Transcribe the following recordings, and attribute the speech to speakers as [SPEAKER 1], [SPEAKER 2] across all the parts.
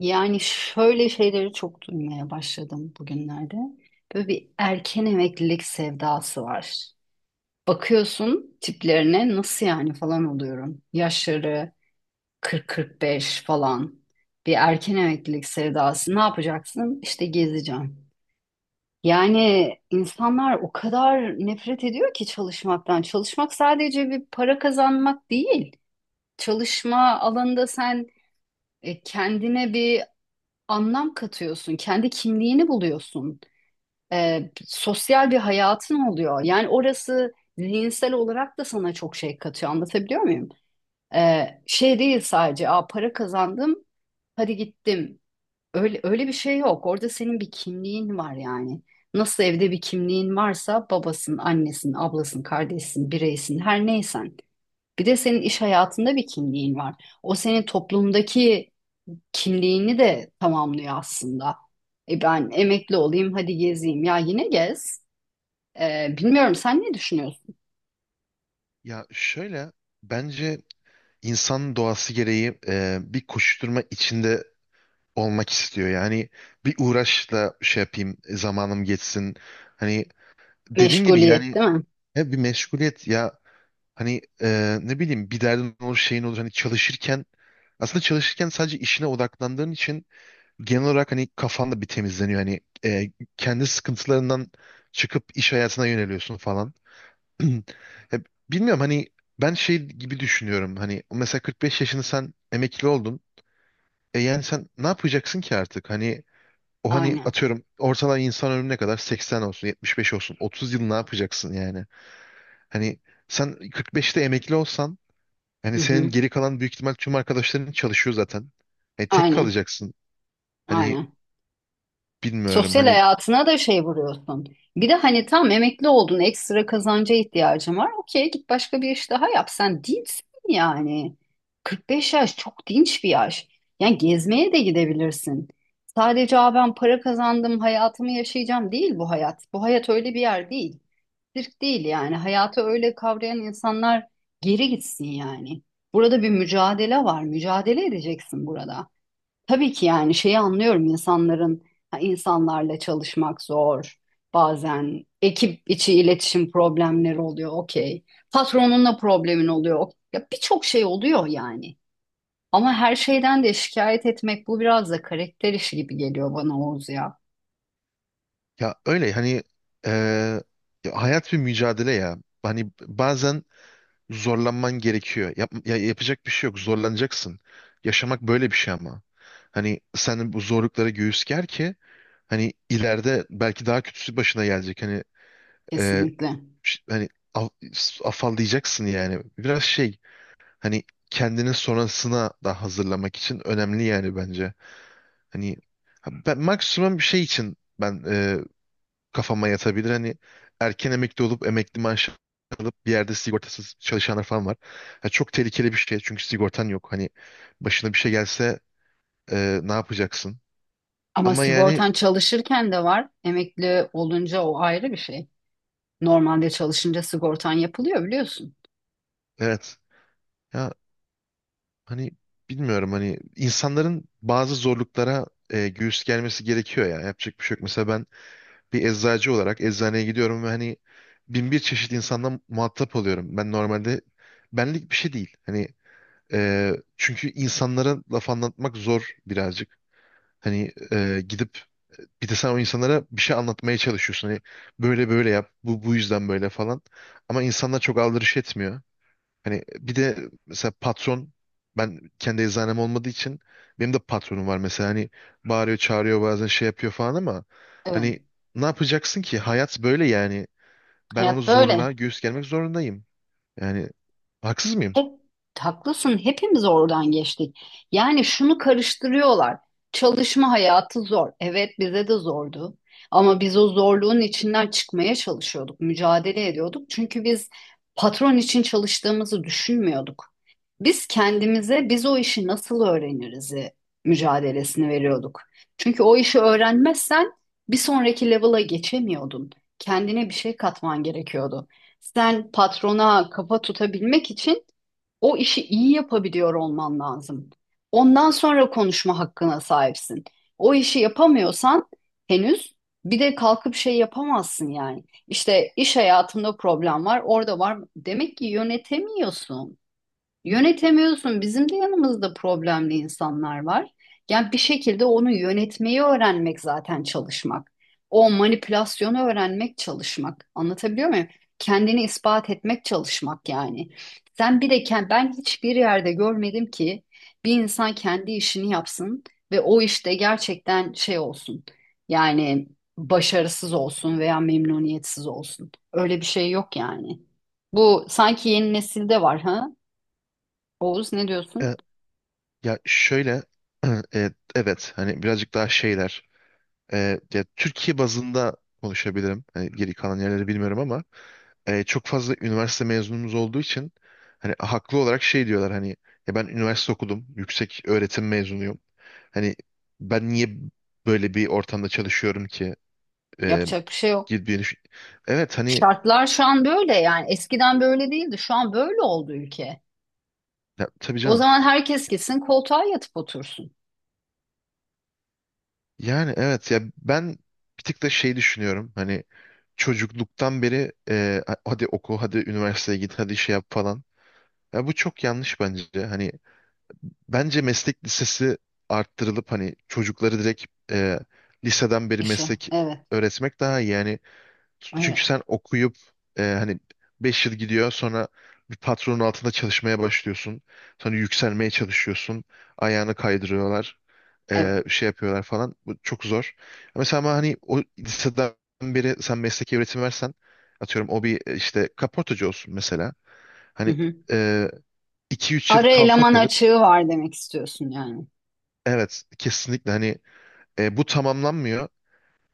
[SPEAKER 1] Yani şöyle şeyleri çok duymaya başladım bugünlerde. Böyle bir erken emeklilik sevdası var. Bakıyorsun tiplerine nasıl yani falan oluyorum. Yaşları 40-45 falan. Bir erken emeklilik sevdası. Ne yapacaksın? İşte gezeceğim. Yani insanlar o kadar nefret ediyor ki çalışmaktan. Çalışmak sadece bir para kazanmak değil. Çalışma alanında sen kendine bir anlam katıyorsun, kendi kimliğini buluyorsun. Sosyal bir hayatın oluyor. Yani orası zihinsel olarak da sana çok şey katıyor. Anlatabiliyor muyum? Şey değil sadece, para kazandım, hadi gittim. Öyle öyle bir şey yok. Orada senin bir kimliğin var yani. Nasıl evde bir kimliğin varsa babasın, annesin, ablasın, kardeşsin, bireysin, her neysen. Bir de senin iş hayatında bir kimliğin var. O senin toplumdaki kimliğini de tamamlıyor aslında. E ben emekli olayım, hadi gezeyim. Ya yine gez. Bilmiyorum, sen ne düşünüyorsun?
[SPEAKER 2] Ya şöyle bence insan doğası gereği bir koşuşturma içinde olmak istiyor. Yani bir uğraşla şey yapayım, zamanım geçsin. Hani dediğin gibi
[SPEAKER 1] Meşguliyet
[SPEAKER 2] yani
[SPEAKER 1] değil mi?
[SPEAKER 2] hep bir meşguliyet ya hani ne bileyim bir derdin olur şeyin olur hani çalışırken aslında çalışırken sadece işine odaklandığın için genel olarak hani kafan da bir temizleniyor. Hani e, kendi sıkıntılarından çıkıp iş hayatına yöneliyorsun falan. Ya bilmiyorum hani ben şey gibi düşünüyorum hani mesela 45 yaşını sen emekli oldun. E yani sen ne yapacaksın ki artık? Hani o hani
[SPEAKER 1] Aynen.
[SPEAKER 2] atıyorum ortalama insan ömrüne kadar 80 olsun, 75 olsun, 30 yıl ne yapacaksın yani? Hani sen 45'te emekli olsan hani
[SPEAKER 1] Hı
[SPEAKER 2] senin
[SPEAKER 1] hı.
[SPEAKER 2] geri kalan büyük ihtimal tüm arkadaşların çalışıyor zaten. E tek
[SPEAKER 1] Aynen.
[SPEAKER 2] kalacaksın. Hani
[SPEAKER 1] Aynen.
[SPEAKER 2] bilmiyorum
[SPEAKER 1] Sosyal
[SPEAKER 2] hani
[SPEAKER 1] hayatına da şey vuruyorsun. Bir de hani tam emekli oldun, ekstra kazanca ihtiyacın var. Okey, git başka bir iş daha yap. Sen dinçsin yani. 45 yaş çok dinç bir yaş. Yani gezmeye de gidebilirsin. Sadece ben para kazandım, hayatımı yaşayacağım değil bu hayat. Bu hayat öyle bir yer değil. Sirk değil yani. Hayatı öyle kavrayan insanlar geri gitsin yani. Burada bir mücadele var. Mücadele edeceksin burada. Tabii ki yani şeyi anlıyorum insanların ha, insanlarla çalışmak zor. Bazen ekip içi iletişim problemleri oluyor. Okey. Patronunla problemin oluyor. Ya birçok şey oluyor yani. Ama her şeyden de şikayet etmek bu biraz da karakter işi gibi geliyor bana, Oğuz ya.
[SPEAKER 2] ya öyle hani, e, ya hayat bir mücadele ya. Hani bazen zorlanman gerekiyor. Yap, ya yapacak bir şey yok. Zorlanacaksın. Yaşamak böyle bir şey ama. Hani sen bu zorluklara göğüs ger ki hani ileride belki daha kötüsü başına gelecek. Hani e,
[SPEAKER 1] Kesinlikle.
[SPEAKER 2] hani afallayacaksın yani. Biraz şey hani kendini sonrasına da hazırlamak için önemli yani bence. Hani ben maksimum bir şey için ben kafama yatabilir. Hani erken emekli olup emekli maaşı alıp bir yerde sigortasız çalışanlar falan var. Ya çok tehlikeli bir şey çünkü sigortan yok. Hani başına bir şey gelse ne yapacaksın?
[SPEAKER 1] Ama
[SPEAKER 2] Ama yani
[SPEAKER 1] sigortan çalışırken de var. Emekli olunca o ayrı bir şey. Normalde çalışınca sigortan yapılıyor, biliyorsun.
[SPEAKER 2] evet ya hani bilmiyorum hani insanların bazı zorluklara göğüs gelmesi gerekiyor ya. Yapacak bir şey yok. Mesela ben bir eczacı olarak eczaneye gidiyorum ve hani bin bir çeşit insandan muhatap oluyorum. Ben normalde benlik bir şey değil. Hani çünkü insanlara laf anlatmak zor birazcık. Hani gidip bir de sen o insanlara bir şey anlatmaya çalışıyorsun. Hani böyle böyle yap, bu yüzden böyle falan. Ama insanlar çok aldırış etmiyor. Hani bir de mesela patron, ben kendi eczanem olmadığı için benim de patronum var mesela. Hani bağırıyor, çağırıyor bazen şey yapıyor falan ama
[SPEAKER 1] Evet.
[SPEAKER 2] hani ne yapacaksın ki? Hayat böyle yani. Ben onu
[SPEAKER 1] Hayat
[SPEAKER 2] zorla
[SPEAKER 1] böyle.
[SPEAKER 2] göğüs germek zorundayım. Yani haksız mıyım?
[SPEAKER 1] Hep haklısın. Hepimiz oradan geçtik. Yani şunu karıştırıyorlar. Çalışma hayatı zor. Evet, bize de zordu. Ama biz o zorluğun içinden çıkmaya çalışıyorduk, mücadele ediyorduk. Çünkü biz patron için çalıştığımızı düşünmüyorduk. Biz kendimize biz o işi nasıl öğreniriz mücadelesini veriyorduk. Çünkü o işi öğrenmezsen bir sonraki level'a geçemiyordun. Kendine bir şey katman gerekiyordu. Sen patrona kafa tutabilmek için o işi iyi yapabiliyor olman lazım. Ondan sonra konuşma hakkına sahipsin. O işi yapamıyorsan henüz bir de kalkıp şey yapamazsın yani. İşte iş hayatında problem var, orada var. Demek ki yönetemiyorsun. Yönetemiyorsun. Bizim de yanımızda problemli insanlar var. Yani bir şekilde onu yönetmeyi öğrenmek zaten çalışmak. O manipülasyonu öğrenmek çalışmak. Anlatabiliyor muyum? Kendini ispat etmek çalışmak yani. Sen bir de ben hiçbir yerde görmedim ki bir insan kendi işini yapsın ve o işte gerçekten şey olsun. Yani başarısız olsun veya memnuniyetsiz olsun. Öyle bir şey yok yani. Bu sanki yeni nesilde var, ha? Oğuz, ne diyorsun?
[SPEAKER 2] Ya şöyle evet hani birazcık daha şeyler, ya Türkiye bazında konuşabilirim. Hani geri kalan yerleri bilmiyorum ama çok fazla üniversite mezunumuz olduğu için hani haklı olarak şey diyorlar hani ya ben üniversite okudum. Yüksek öğretim mezunuyum. Hani ben niye böyle bir ortamda çalışıyorum ki? E,
[SPEAKER 1] Yapacak bir şey yok.
[SPEAKER 2] Gibi bir-. Evet hani
[SPEAKER 1] Şartlar şu an böyle yani, eskiden böyle değildi. Şu an böyle oldu ülke.
[SPEAKER 2] ya, tabii
[SPEAKER 1] O
[SPEAKER 2] canım.
[SPEAKER 1] zaman herkes gitsin koltuğa yatıp otursun
[SPEAKER 2] Yani evet ya ben bir tık da şey düşünüyorum hani çocukluktan beri hadi oku hadi üniversiteye git hadi şey yap falan. Ya bu çok yanlış bence. Hani bence meslek lisesi arttırılıp hani çocukları direkt e, liseden beri
[SPEAKER 1] işe.
[SPEAKER 2] meslek
[SPEAKER 1] Evet,
[SPEAKER 2] öğretmek daha iyi. Yani çünkü sen
[SPEAKER 1] evet,
[SPEAKER 2] okuyup hani 5 yıl gidiyor sonra bir patronun altında çalışmaya başlıyorsun. Sonra yükselmeye çalışıyorsun. Ayağını kaydırıyorlar.
[SPEAKER 1] evet.
[SPEAKER 2] Şey yapıyorlar falan. Bu çok zor. Mesela ama hani o liseden beri sen mesleki öğretim versen atıyorum o bir işte kaportacı olsun mesela.
[SPEAKER 1] Hı
[SPEAKER 2] Hani
[SPEAKER 1] hı.
[SPEAKER 2] e, 2-3 yıl
[SPEAKER 1] Ara
[SPEAKER 2] kalfa
[SPEAKER 1] eleman
[SPEAKER 2] kalır.
[SPEAKER 1] açığı var demek istiyorsun yani.
[SPEAKER 2] Evet kesinlikle hani bu tamamlanmıyor.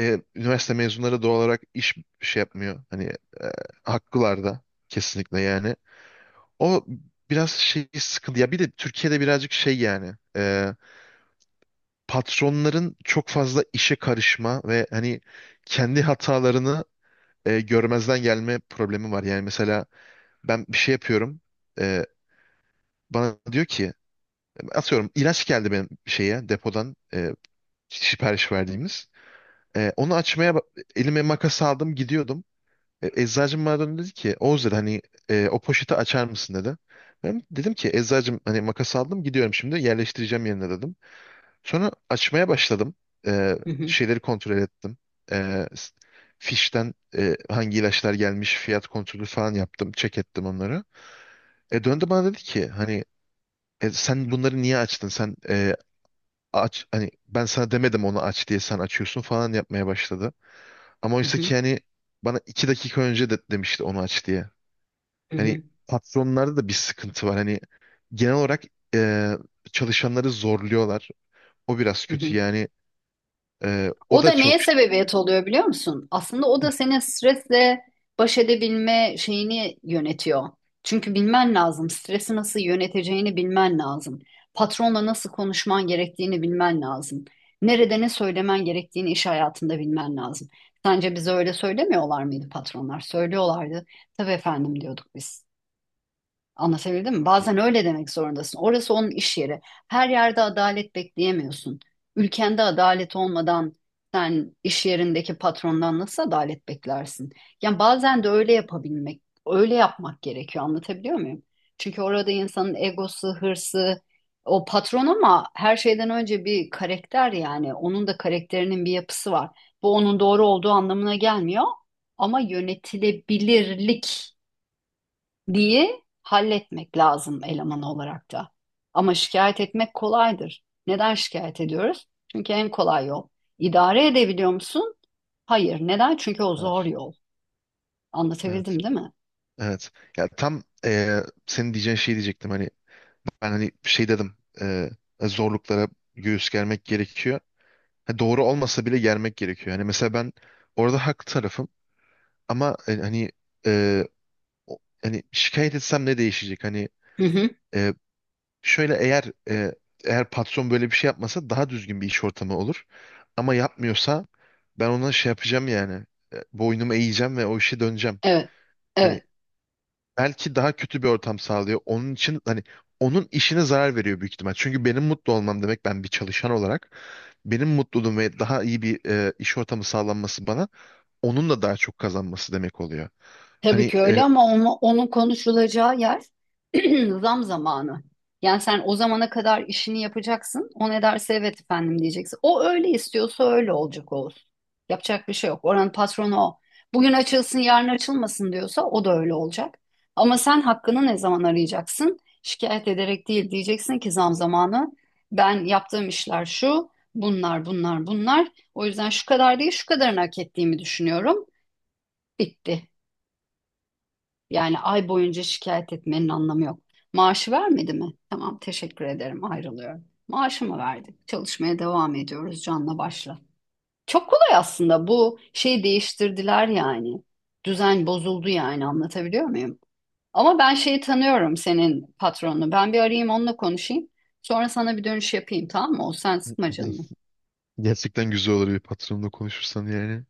[SPEAKER 2] Üniversite mezunları doğal olarak iş şey yapmıyor. Hani e, haklılar da kesinlikle yani. O biraz şey sıkıntı. Ya bir de Türkiye'de birazcık şey yani, patronların çok fazla işe karışma ve hani kendi hatalarını görmezden gelme problemi var. Yani mesela ben bir şey yapıyorum. E, Bana diyor ki atıyorum ilaç geldi benim şeye depodan sipariş verdiğimiz. E, onu açmaya elime makas aldım gidiyordum. Eczacım bana döndü dedi ki Oğuz dedi hani o poşeti açar mısın dedi. Ben dedim ki eczacım hani makas aldım gidiyorum şimdi yerleştireceğim yerine dedim. Sonra açmaya başladım. E,
[SPEAKER 1] Hı hı,
[SPEAKER 2] Şeyleri kontrol ettim. E, s- Fişten hangi ilaçlar gelmiş fiyat kontrolü falan yaptım. Check ettim onları. Döndü bana dedi ki hani: Sen bunları niye açtın? Sen aç hani ben sana demedim onu aç diye sen açıyorsun" falan yapmaya başladı. Ama
[SPEAKER 1] hı
[SPEAKER 2] oysa
[SPEAKER 1] hı,
[SPEAKER 2] ki yani bana 2 dakika önce de demişti onu aç diye.
[SPEAKER 1] hı
[SPEAKER 2] Hani
[SPEAKER 1] hı,
[SPEAKER 2] patronlarda da bir sıkıntı var. Hani genel olarak e, çalışanları zorluyorlar. O biraz
[SPEAKER 1] hı
[SPEAKER 2] kötü
[SPEAKER 1] hı.
[SPEAKER 2] yani. O
[SPEAKER 1] O da
[SPEAKER 2] da çok.
[SPEAKER 1] neye sebebiyet oluyor biliyor musun? Aslında o da senin stresle baş edebilme şeyini yönetiyor. Çünkü bilmen lazım. Stresi nasıl yöneteceğini bilmen lazım. Patronla nasıl konuşman gerektiğini bilmen lazım. Nerede ne söylemen gerektiğini iş hayatında bilmen lazım. Sence bize öyle söylemiyorlar mıydı patronlar? Söylüyorlardı. Tabii efendim diyorduk biz. Anlatabildim mi?
[SPEAKER 2] Ya,
[SPEAKER 1] Bazen öyle demek zorundasın. Orası onun iş yeri. Her yerde adalet bekleyemiyorsun. Ülkende adalet olmadan sen iş yerindeki patrondan nasıl adalet beklersin? Yani bazen de öyle yapabilmek, öyle yapmak gerekiyor. Anlatabiliyor muyum? Çünkü orada insanın egosu, hırsı, o patron, ama her şeyden önce bir karakter yani. Onun da karakterinin bir yapısı var. Bu onun doğru olduğu anlamına gelmiyor. Ama yönetilebilirlik diye halletmek lazım eleman olarak da. Ama şikayet etmek kolaydır. Neden şikayet ediyoruz? Çünkü en kolay yol. İdare edebiliyor musun? Hayır. Neden? Çünkü o
[SPEAKER 2] evet.
[SPEAKER 1] zor yol.
[SPEAKER 2] Evet.
[SPEAKER 1] Anlatabildim değil mi?
[SPEAKER 2] Evet. Ya tam senin diyeceğin şey diyecektim. Hani ben hani şey dedim. Zorluklara göğüs germek gerekiyor. Ha, doğru olmasa bile yermek gerekiyor. Hani mesela ben orada haklı tarafım ama hani e, hani şikayet etsem ne değişecek? Hani
[SPEAKER 1] Hı hı.
[SPEAKER 2] e, şöyle eğer, e, eğer patron böyle bir şey yapmasa daha düzgün bir iş ortamı olur. Ama yapmıyorsa ben ona şey yapacağım yani. Boynumu eğeceğim ve o işe döneceğim.
[SPEAKER 1] Evet.
[SPEAKER 2] Hani
[SPEAKER 1] Evet.
[SPEAKER 2] belki daha kötü bir ortam sağlıyor. Onun için hani onun işine zarar veriyor büyük ihtimal. Çünkü benim mutlu olmam demek ben bir çalışan olarak benim mutluluğum ve daha iyi bir iş ortamı sağlanması bana onun da daha çok kazanması demek oluyor.
[SPEAKER 1] Tabii
[SPEAKER 2] Hani
[SPEAKER 1] ki öyle, ama onu, onun konuşulacağı yer zam zamanı. Yani sen o zamana kadar işini yapacaksın. O ne derse evet efendim diyeceksin. O öyle istiyorsa öyle olacak olsun. Yapacak bir şey yok. Oranın patronu o. Bugün açılsın yarın açılmasın diyorsa o da öyle olacak. Ama sen hakkını ne zaman arayacaksın? Şikayet ederek değil, diyeceksin ki zam zamanı. Ben yaptığım işler şu, bunlar bunlar bunlar. O yüzden şu kadar değil şu kadarını hak ettiğimi düşünüyorum. Bitti. Yani ay boyunca şikayet etmenin anlamı yok. Maaşı vermedi mi? Tamam, teşekkür ederim, ayrılıyorum. Maaşımı verdik. Çalışmaya devam ediyoruz canla başla. Çok kolay aslında bu şeyi değiştirdiler yani. Düzen bozuldu yani, anlatabiliyor muyum? Ama ben şeyi tanıyorum, senin patronunu. Ben bir arayayım, onunla konuşayım. Sonra sana bir dönüş yapayım, tamam mı? O sen sıkma canını.
[SPEAKER 2] gerçekten güzel olur bir patronla konuşursan yani.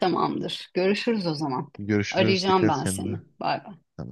[SPEAKER 1] Tamamdır. Görüşürüz o zaman.
[SPEAKER 2] Görüşürüz.
[SPEAKER 1] Arayacağım
[SPEAKER 2] Dikkat et
[SPEAKER 1] ben
[SPEAKER 2] kendine.
[SPEAKER 1] seni. Bay bay.
[SPEAKER 2] Tamam.